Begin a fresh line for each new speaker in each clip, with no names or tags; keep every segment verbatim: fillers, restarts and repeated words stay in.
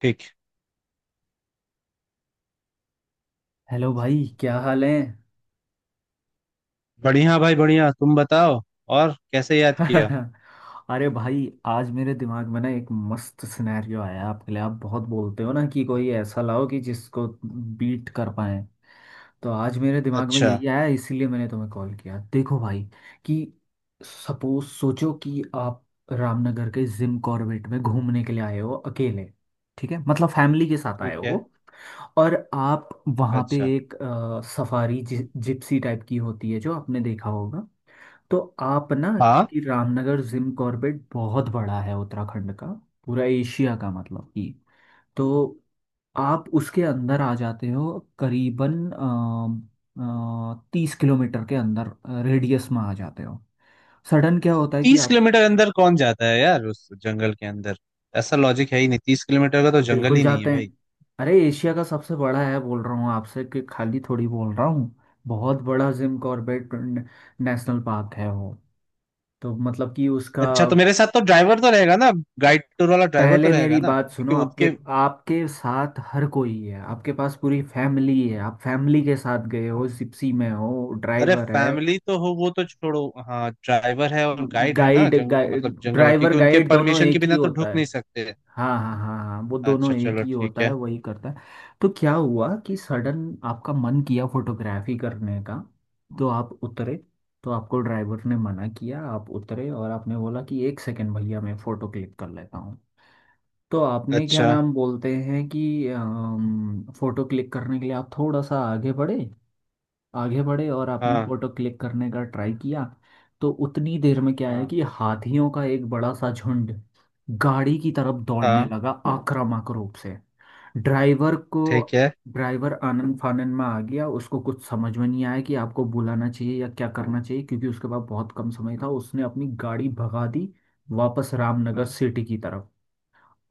ठीक।
हेलो भाई, क्या हाल है।
बढ़िया भाई बढ़िया, तुम बताओ। और कैसे याद किया?
अरे भाई, आज मेरे दिमाग में ना एक मस्त सिनेरियो आया आपके लिए। आप बहुत बोलते हो ना कि कोई ऐसा लाओ कि जिसको बीट कर पाए। तो आज मेरे दिमाग में
अच्छा।
यही आया, इसीलिए मैंने तुम्हें कॉल किया। देखो भाई कि सपोज सोचो कि आप रामनगर के जिम कॉर्बेट में घूमने के लिए आए हो अकेले। ठीक है, मतलब फैमिली के साथ आए
ठीक है।
हो। और आप वहाँ पे
अच्छा।
एक अ, सफारी जि, जिप्सी टाइप की होती है जो आपने देखा होगा। तो आप ना,
हाँ।
क्योंकि रामनगर जिम कॉर्बेट बहुत बड़ा है उत्तराखंड का, पूरा एशिया का मतलब कि। तो आप उसके अंदर आ जाते हो, करीबन आ, तीस किलोमीटर के अंदर, रेडियस में आ जाते हो। सडन क्या होता है कि
तीस
आप
किलोमीटर अंदर कौन जाता है यार उस जंगल के अंदर? ऐसा लॉजिक है ही नहीं, तीस किलोमीटर का तो जंगल
बिल्कुल
ही नहीं है
जाते हैं।
भाई।
अरे एशिया का सबसे बड़ा है बोल रहा हूँ आपसे, कि खाली थोड़ी बोल रहा हूँ। बहुत बड़ा जिम कॉर्बेट नेशनल पार्क है वो। तो मतलब कि उसका
अच्छा, तो मेरे साथ तो ड्राइवर तो रहेगा ना? गाइड टूर वाला ड्राइवर तो
पहले
रहेगा
मेरी
ना,
बात
क्योंकि
सुनो। आपके
उनके...
आपके साथ हर कोई है, आपके पास पूरी फैमिली है, आप फैमिली के साथ गए हो, जिप्सी में हो,
अरे
ड्राइवर है,
फैमिली तो हो, वो तो छोड़ो। हाँ ड्राइवर है और गाइड है ना,
गाइड
जंग
गाइड
मतलब जंगल वाला,
ड्राइवर
क्योंकि उनके
गाइड दोनों
परमिशन के
एक ही
बिना तो
होता
ढुक
है।
नहीं सकते।
हाँ हाँ हाँ हाँ, वो दोनों
अच्छा
एक
चलो
ही
ठीक
होता है,
है।
वही करता है। तो क्या हुआ कि सडन आपका मन किया फोटोग्राफी करने का, तो आप उतरे। तो आपको ड्राइवर ने मना किया, आप उतरे और आपने बोला कि एक सेकंड भैया, मैं फोटो क्लिक कर लेता हूँ। तो आपने क्या
अच्छा।
नाम बोलते हैं कि अम, फोटो क्लिक करने के लिए आप थोड़ा सा आगे बढ़े, आगे बढ़े और आपने
हाँ
फोटो क्लिक करने का ट्राई किया। तो उतनी देर में क्या है
हाँ
कि हाथियों का एक बड़ा सा झुंड गाड़ी की तरफ दौड़ने
हाँ।
लगा आक्रामक रूप से। ड्राइवर को,
ठीक है।
ड्राइवर आनन फानन में आ गया, उसको कुछ समझ में नहीं आया कि आपको बुलाना चाहिए या क्या करना चाहिए, क्योंकि उसके पास बहुत कम समय था, उसने अपनी गाड़ी भगा दी वापस रामनगर सिटी की तरफ।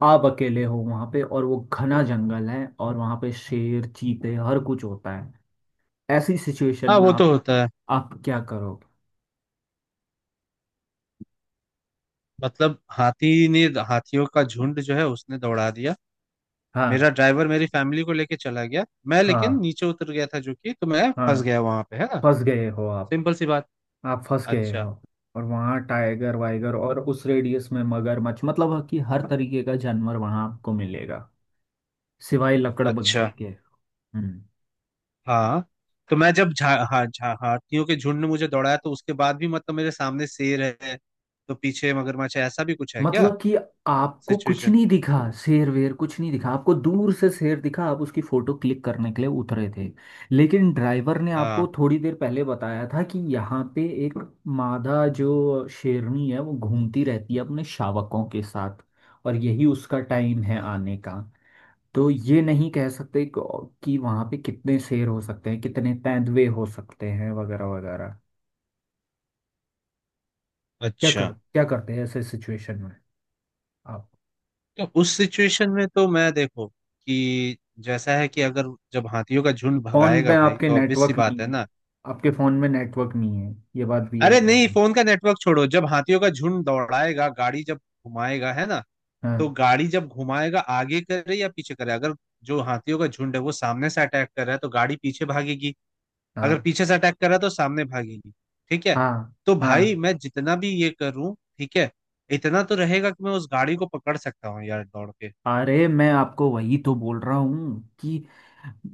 आप अकेले हो वहां पे, और वो घना जंगल है, और वहां पे शेर चीते हर कुछ होता है। ऐसी सिचुएशन
हाँ
में
वो
आप
तो होता है।
आप क्या करोगे।
मतलब हाथी ने... हाथियों का झुंड जो है उसने दौड़ा दिया। मेरा
हाँ
ड्राइवर मेरी फैमिली को लेके चला गया, मैं लेकिन
हाँ
नीचे उतर गया था, जो कि तो मैं
हाँ।
फंस गया वहां पे, है ना?
फंस गए हो आप
सिंपल सी बात।
आप फंस गए हो।
अच्छा।
और वहाँ टाइगर वाइगर और उस रेडियस में मगरमच्छ, मतलब कि हर तरीके का जानवर वहाँ आपको मिलेगा, सिवाय
अच्छा।
लकड़बग्घे के। हम्म।
हाँ। तो मैं जब झा हा, झा हाथियों के झुंड ने मुझे दौड़ाया, तो उसके बाद भी मतलब मेरे सामने शेर है, तो पीछे मगरमच्छ है, ऐसा भी कुछ है क्या?
मतलब कि आपको कुछ
सिचुएशन।
नहीं दिखा। शेर वेर कुछ नहीं दिखा, आपको दूर से शेर दिखा, आप उसकी फोटो क्लिक करने के लिए उतरे थे। लेकिन ड्राइवर ने आपको
हाँ।
थोड़ी देर पहले बताया था कि यहाँ पे एक मादा जो शेरनी है वो घूमती रहती है अपने शावकों के साथ, और यही उसका टाइम है आने का। तो ये नहीं कह सकते क- कि वहाँ पे कितने शेर हो सकते हैं, कितने तेंदुए हो सकते हैं, वगैरह वगैरह। क्या
अच्छा।
कर क्या करते हैं ऐसे सिचुएशन में आप।
तो उस सिचुएशन में तो मैं, देखो कि जैसा है कि अगर, जब हाथियों का झुंड
फोन पे
भगाएगा भाई
आपके
तो ऑब्वियस सी
नेटवर्क नहीं
बात है
है,
ना।
आपके फोन में नेटवर्क नहीं है, ये बात भी
अरे
याद
नहीं,
रखना।
फोन का नेटवर्क छोड़ो, जब हाथियों का झुंड दौड़ाएगा, गाड़ी जब घुमाएगा, है ना?
हाँ
तो गाड़ी जब घुमाएगा आगे करे या पीछे करे, अगर जो हाथियों का झुंड है वो सामने से अटैक कर रहा है तो गाड़ी पीछे भागेगी, अगर
हाँ
पीछे से अटैक कर रहा है तो सामने भागेगी। ठीक है।
हाँ
तो भाई
हाँ।
मैं जितना भी ये करूं, ठीक है, इतना तो रहेगा कि मैं उस गाड़ी को पकड़ सकता हूँ यार दौड़ के।
अरे मैं आपको वही तो बोल रहा हूँ, कि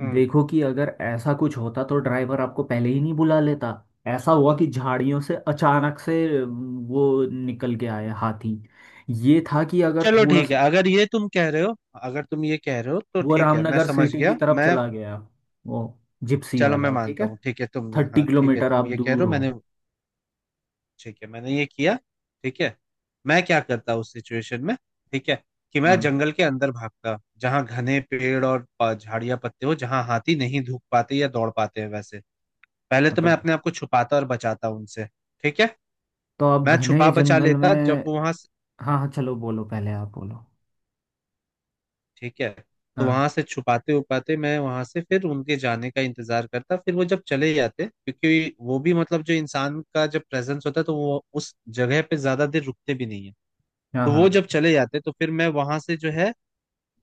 हम्म।
देखो कि अगर ऐसा कुछ होता तो ड्राइवर आपको पहले ही नहीं बुला लेता। ऐसा हुआ कि झाड़ियों से अचानक से अम, वो निकल के आया हाथी। ये था कि अगर
चलो
थोड़ा
ठीक
सा
है अगर ये तुम कह रहे हो, अगर तुम ये कह रहे हो तो
वो
ठीक है, मैं
रामनगर
समझ
सिटी की
गया,
तरफ
मैं...
चला गया, वो जिप्सी
चलो मैं
वाला, ठीक
मानता
है।
हूँ ठीक है, तुमने...
थर्टी
हाँ ठीक है,
किलोमीटर आप
तुम ये कह रहे
दूर
हो,
हो।
मैंने... ठीक है, मैंने ये किया। ठीक है। मैं क्या करता उस सिचुएशन में, ठीक है, कि मैं
हाँ
जंगल के अंदर भागता जहाँ घने पेड़ और प- झाड़ियाँ पत्ते हो, जहाँ हाथी नहीं धूप पाते या दौड़ पाते हैं वैसे। पहले तो मैं
मतलब,
अपने आप को छुपाता और बचाता उनसे, ठीक है।
तो आप
मैं
घने
छुपा बचा
जंगल में।
लेता जब वो वहां...
हाँ हाँ, चलो बोलो, पहले आप बोलो।
ठीक है। तो वहां
हाँ
से छुपाते उपाते मैं वहां से फिर उनके जाने का इंतजार करता, फिर वो जब चले जाते, क्योंकि वो भी मतलब जो इंसान का जब प्रेजेंस होता है तो वो उस जगह पे ज्यादा देर रुकते भी नहीं है।
हाँ
तो वो
हाँ
जब चले जाते तो फिर मैं वहां से जो है,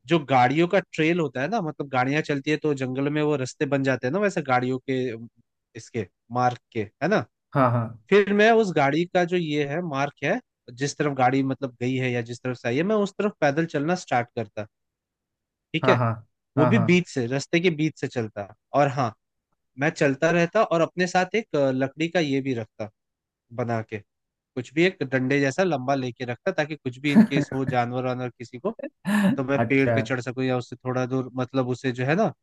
जो गाड़ियों का ट्रेल होता है ना, मतलब गाड़ियां चलती है तो जंगल में वो रास्ते बन जाते हैं ना वैसे, गाड़ियों के इसके मार्ग के, है ना?
हाँ हाँ
फिर मैं उस गाड़ी का जो ये है मार्ग है, जिस तरफ गाड़ी मतलब गई है या जिस तरफ से आई है, मैं उस तरफ पैदल चलना स्टार्ट करता, ठीक
हाँ
है।
हाँ
वो भी
हाँ।
बीच से, रास्ते के बीच से चलता, और हाँ, मैं चलता रहता, और अपने साथ एक अ, लकड़ी का ये भी रखता, बना के, कुछ भी एक डंडे जैसा लंबा लेके रखता, ताकि कुछ भी इन केस हो,
हाँ।
जानवर वानवर किसी को तो मैं पेड़ पे
अच्छा
चढ़ सकूं, या उससे थोड़ा दूर, मतलब उसे जो है ना,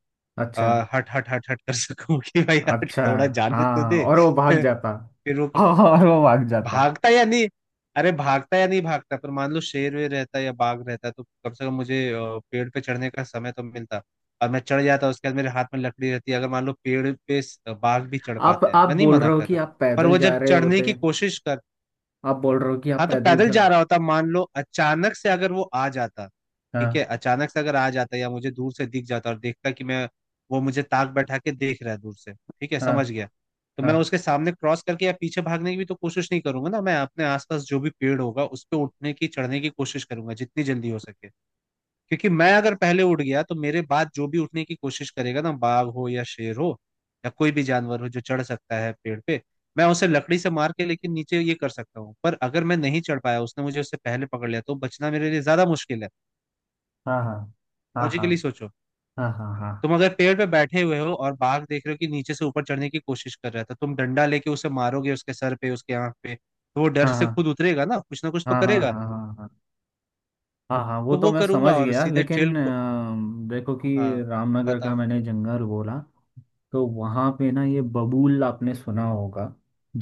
अच्छा
अ, हट हट हट हट कर सकूं कि भाई हट,
अच्छा।
थोड़ा जाने तो
हाँ
दे।
और वो भाग जाता,
फिर वो
और वो भाग जाता।
भागता या नहीं... अरे भागता या नहीं भागता, पर मान लो शेर वेर रहता या बाघ रहता तो कम से कम मुझे अ, पेड़ पे चढ़ने का समय तो मिलता, और मैं चढ़ जाता, उसके बाद मेरे हाथ में लकड़ी रहती, अगर मान लो पेड़ पे स- बाघ भी चढ़
आप
पाते हैं,
आप
मैं नहीं
बोल
मना
रहे हो
कर
कि
रहा,
आप
पर
पैदल
वो
जा
जब
रहे
चढ़ने
होते।
की कोशिश कर...
आप बोल रहे हो कि आप
हाँ, तो
पैदल
पैदल
चल।
जा रहा होता, मान लो अचानक से अगर वो आ जाता, ठीक है,
हाँ
अचानक से अगर आ जाता या मुझे दूर से दिख जाता और देखता कि मैं... वो मुझे ताक बैठा के देख रहा है दूर से, ठीक है,
हाँ
समझ गया। तो
हाँ
मैं उसके सामने क्रॉस करके या पीछे भागने की भी तो कोशिश नहीं करूंगा ना, मैं अपने आसपास जो भी पेड़ होगा उस पर उठने की चढ़ने की कोशिश करूंगा जितनी जल्दी हो सके, क्योंकि मैं अगर पहले उड़ गया तो मेरे बाद जो भी उठने की कोशिश करेगा ना, बाघ हो या शेर हो, या कोई भी जानवर हो जो चढ़ सकता है पेड़ पे, मैं उसे लकड़ी से मार के लेकिन नीचे ये कर सकता हूँ, पर अगर मैं नहीं चढ़ पाया, उसने मुझे उससे पहले पकड़ लिया, तो बचना मेरे लिए ज्यादा मुश्किल है।
हाँ हाँ हाँ
लॉजिकली
हाँ
सोचो,
हाँ
तुम
हाँ
अगर पेड़ पे बैठे हुए हो और बाघ देख रहे हो कि नीचे से ऊपर चढ़ने की कोशिश कर रहा है, तो तुम डंडा लेके उसे मारोगे उसके सर पे, उसके आंख पे, तो वो डर
हाँ
से
हाँ
खुद उतरेगा ना, कुछ ना कुछ तो
हाँ हाँ हाँ
करेगा।
हाँ हाँ हाँ हाँ। हाँ वो
तो
तो
वो
मैं समझ
करूंगा, और
गया,
सीधे ट्रेल
लेकिन
को...
अ, देखो कि
हाँ
रामनगर का
बताओ।
मैंने जंगल बोला, तो वहाँ पे ना ये बबूल आपने सुना होगा।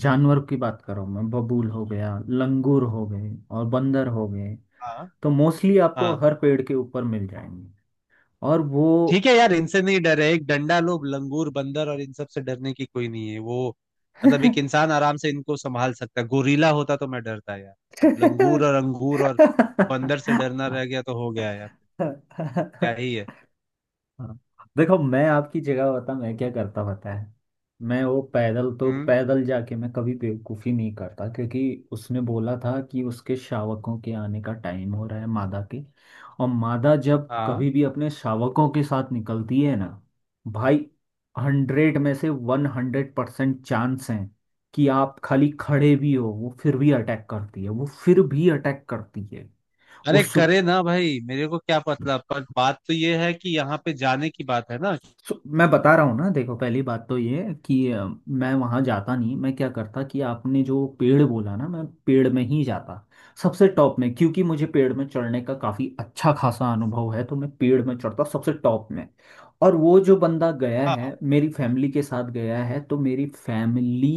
जानवर की बात कर रहा हूँ मैं, बबूल हो गया, लंगूर हो गए और बंदर हो गए,
हाँ
तो मोस्टली आपको
हाँ।
हर पेड़ के ऊपर मिल जाएंगे। और वो
ठीक है यार, इनसे नहीं डर है, एक डंडा, लोग लंगूर बंदर और इन सब से डरने की कोई नहीं है वो, मतलब एक इंसान आराम से इनको संभाल सकता है, गोरीला होता तो मैं डरता यार। अब लंगूर और अंगूर और बंदर से डरना रह गया तो हो गया यार, क्या ही है।
हाँ। देखो मैं आपकी जगह होता मैं क्या करता पता है। मैं वो पैदल तो
हम्म।
पैदल जाके मैं कभी बेवकूफ़ी नहीं करता, क्योंकि उसने बोला था कि उसके शावकों के आने का टाइम हो रहा है मादा के, और मादा जब
हाँ।
कभी भी अपने शावकों के साथ निकलती है ना भाई, हंड्रेड में से वन हंड्रेड परसेंट चांस है कि आप खाली खड़े भी हो वो फिर भी अटैक करती है, वो फिर भी अटैक करती है।
अरे
उस
करे ना भाई, मेरे को क्या पता, पर बात तो ये है कि यहाँ पे जाने की बात है ना।
सो मैं बता रहा हूँ ना, देखो पहली बात तो ये है कि अ, मैं वहाँ जाता नहीं। मैं क्या करता कि आपने जो पेड़ बोला ना, मैं पेड़ में ही जाता सबसे टॉप में, क्योंकि मुझे पेड़ में चढ़ने का काफ़ी अच्छा खासा अनुभव है, तो मैं पेड़ में चढ़ता सबसे टॉप में। और वो जो बंदा गया है
हाँ
मेरी फैमिली के साथ गया है तो मेरी फैमिली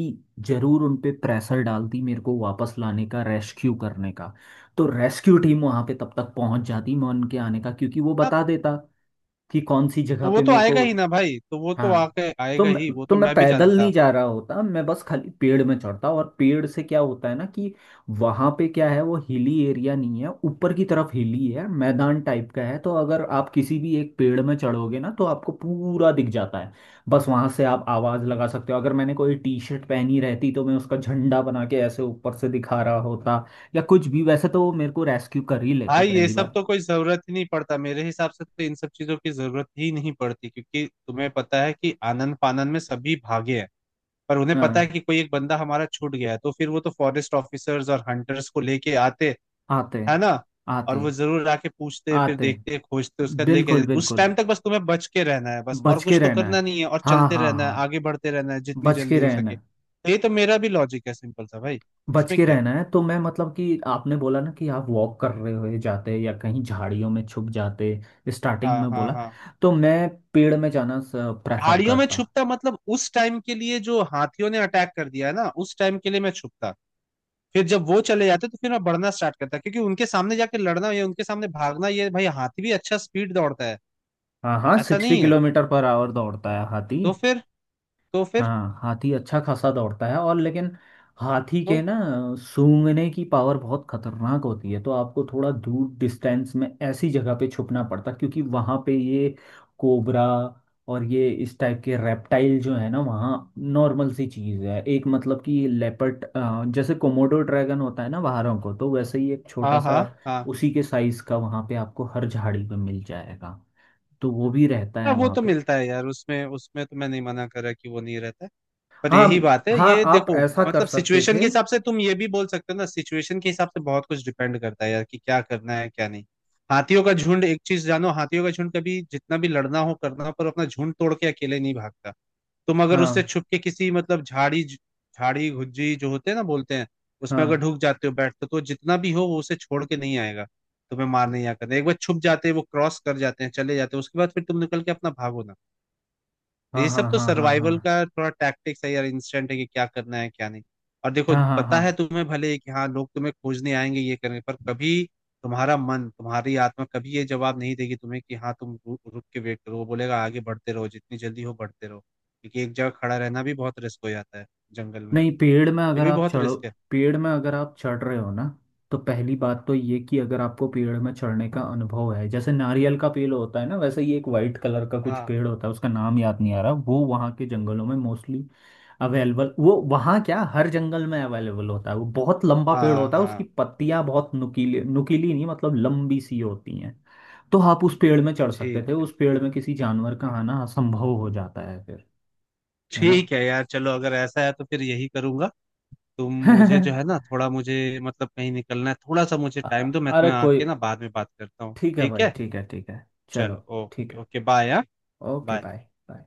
जरूर उन पे प्रेशर डालती मेरे को वापस लाने का, रेस्क्यू करने का। तो रेस्क्यू टीम वहाँ पे तब तक पहुँच जाती, मैं उनके आने का, क्योंकि वो
हाँ,
बता देता कि कौन सी
तो
जगह
वो
पे
तो
मेरे
आएगा
को।
ही ना भाई, तो वो तो
हाँ।
आके
तो
आएगा
मैं
ही, वो
तो
तो
मैं
मैं भी
पैदल नहीं
जानता।
जा रहा होता, मैं बस खाली पेड़ में चढ़ता। और पेड़ से क्या होता है ना कि वहां पे क्या है, वो हिली एरिया नहीं है, ऊपर की तरफ हिली है, मैदान टाइप का है, तो अगर आप किसी भी एक पेड़ में चढ़ोगे ना तो आपको पूरा दिख जाता है। बस वहां से आप आवाज लगा सकते हो, अगर मैंने कोई टी शर्ट पहनी रहती तो मैं उसका झंडा बना के ऐसे ऊपर से दिखा रहा होता, या कुछ भी, वैसे तो वो मेरे को रेस्क्यू कर ही लेते
भाई ये
पहली
सब
बात।
तो कोई जरूरत ही नहीं पड़ता मेरे हिसाब से, तो इन सब चीजों की जरूरत ही नहीं पड़ती, क्योंकि तुम्हें पता है कि आनंद फानंद में सभी भागे हैं, पर उन्हें पता है
हाँ
कि कोई एक बंदा हमारा छूट गया है, तो फिर वो तो फॉरेस्ट ऑफिसर्स और हंटर्स को लेके आते,
आते
है ना? और
आते
वो जरूर आके पूछते, फिर
आते।
देखते, खोजते, उसका लेके
बिल्कुल
जाते। उस
बिल्कुल,
टाइम तक बस तुम्हें बच के रहना है, बस, और
बच के
कुछ तो
रहना
करना
है।
नहीं है, और
हाँ
चलते
हाँ
रहना है,
हाँ।
आगे बढ़ते रहना है जितनी
बच
जल्दी
के
हो
रहना
सके,
है,
तो ये तो मेरा भी लॉजिक है, सिंपल सा भाई।
बच
इसमें
के
क्या है।
रहना है। तो मैं मतलब कि आपने बोला ना कि आप वॉक कर रहे हुए जाते या कहीं झाड़ियों में छुप जाते, स्टार्टिंग
हाँ
में
हाँ
बोला,
हाँ।
तो मैं पेड़ में जाना प्रेफर
झाड़ियों में
करता।
छुपता, मतलब उस टाइम के लिए जो हाथियों ने अटैक कर दिया है ना, उस टाइम के लिए मैं छुपता, फिर जब वो चले जाते तो फिर मैं बढ़ना स्टार्ट करता, क्योंकि उनके सामने जाके लड़ना या उनके सामने भागना, ये भाई, हाथी भी अच्छा स्पीड दौड़ता है,
हाँ हाँ,
ऐसा
सिक्सटी
नहीं है।
किलोमीटर पर आवर दौड़ता है हाथी।
तो फिर... तो फिर...
हाँ हाथी अच्छा खासा दौड़ता है, और लेकिन हाथी के
तो...
ना सूंघने की पावर बहुत खतरनाक होती है, तो आपको थोड़ा दूर डिस्टेंस में ऐसी जगह पे छुपना पड़ता, क्योंकि वहां पे ये कोबरा और ये इस टाइप के रेप्टाइल जो है ना वहाँ नॉर्मल सी चीज़ है, एक मतलब कि लेपर्ड जैसे कोमोडो ड्रैगन होता है ना बाहरों को, तो वैसे ही एक छोटा
हाँ
सा
हाँ हाँ।
उसी के साइज का वहाँ पे आपको हर झाड़ी पे मिल जाएगा, तो वो भी रहता
हाँ,
है
वो
वहाँ
तो
पे।
मिलता है यार, उसमें, उसमें तो मैं नहीं मना कर रहा कि वो नहीं रहता है, पर
हाँ
यही बात है,
हाँ,
ये
आप
देखो।
ऐसा कर
मतलब
सकते
सिचुएशन के
थे।
हिसाब से तुम ये भी बोल सकते हो ना, सिचुएशन के हिसाब से बहुत कुछ डिपेंड करता है यार, कि क्या करना है क्या नहीं। हाथियों का झुंड एक चीज जानो, हाथियों का झुंड कभी जितना भी लड़ना हो करना हो, पर अपना झुंड तोड़ के अकेले नहीं भागता। तुम अगर उससे
हाँ
छुप के किसी, मतलब झाड़ी झाड़ी गुज्जी जो होते हैं ना बोलते हैं, उसमें अगर
हाँ
ढुक जाते हो, बैठते हो, तो जितना भी हो वो उसे छोड़ के नहीं आएगा तुम्हें मारने या करने, एक बार छुप जाते हैं, वो क्रॉस कर जाते हैं, चले जाते हैं, उसके बाद फिर तुम निकल के अपना भागो ना।
हाँ
ये
हाँ
सब तो
हाँ हाँ हाँ
सर्वाइवल का
हाँ
थोड़ा टैक्टिक्स है यार, इंस्टेंट है कि क्या करना है क्या नहीं। और देखो,
हाँ हाँ हाँ
पता है
हाँ।
तुम्हें, भले कि हाँ लोग तुम्हें खोजने आएंगे ये करने पर, कभी तुम्हारा मन, तुम्हारी आत्मा कभी ये जवाब नहीं देगी तुम्हें कि हाँ तुम रु, रुक के वेट करो, वो बोलेगा आगे बढ़ते रहो, जितनी जल्दी हो बढ़ते रहो, क्योंकि एक जगह खड़ा रहना भी बहुत रिस्क हो जाता है जंगल में,
नहीं पेड़ में
ये
अगर
भी
आप
बहुत
चढ़ो,
रिस्क है।
पेड़ में अगर आप चढ़ रहे हो ना, तो पहली बात तो ये कि अगर आपको पेड़ में चढ़ने का अनुभव है, जैसे नारियल का पेड़ होता है ना वैसे ही एक वाइट कलर का कुछ
हाँ
पेड़ होता है, उसका नाम याद नहीं आ रहा, वो वहाँ के जंगलों में मोस्टली अवेलेबल, वो वहाँ क्या हर जंगल में अवेलेबल होता है, वो बहुत लंबा पेड़
हाँ
होता है, उसकी
हाँ।
पत्तियाँ बहुत नुकीली, नुकीली नहीं मतलब लंबी सी होती हैं, तो आप उस पेड़ में चढ़ सकते
ठीक
थे,
है,
उस पेड़ में किसी जानवर का आना असंभव हो जाता है फिर, है
ठीक है यार चलो, अगर ऐसा है तो फिर यही करूंगा। तुम
ना।
मुझे जो है ना, थोड़ा मुझे, मतलब कहीं निकलना है, थोड़ा सा मुझे
अ-
टाइम दो, मैं
अरे
तुम्हें
कोई,
आके ना बाद में बात करता हूँ,
ठीक है
ठीक
भाई,
है?
ठीक है, ठीक है
चलो,
चलो, ठीक
ओके
है,
ओके, बाय, हाँ।
Okay
bye.
Bye, bye.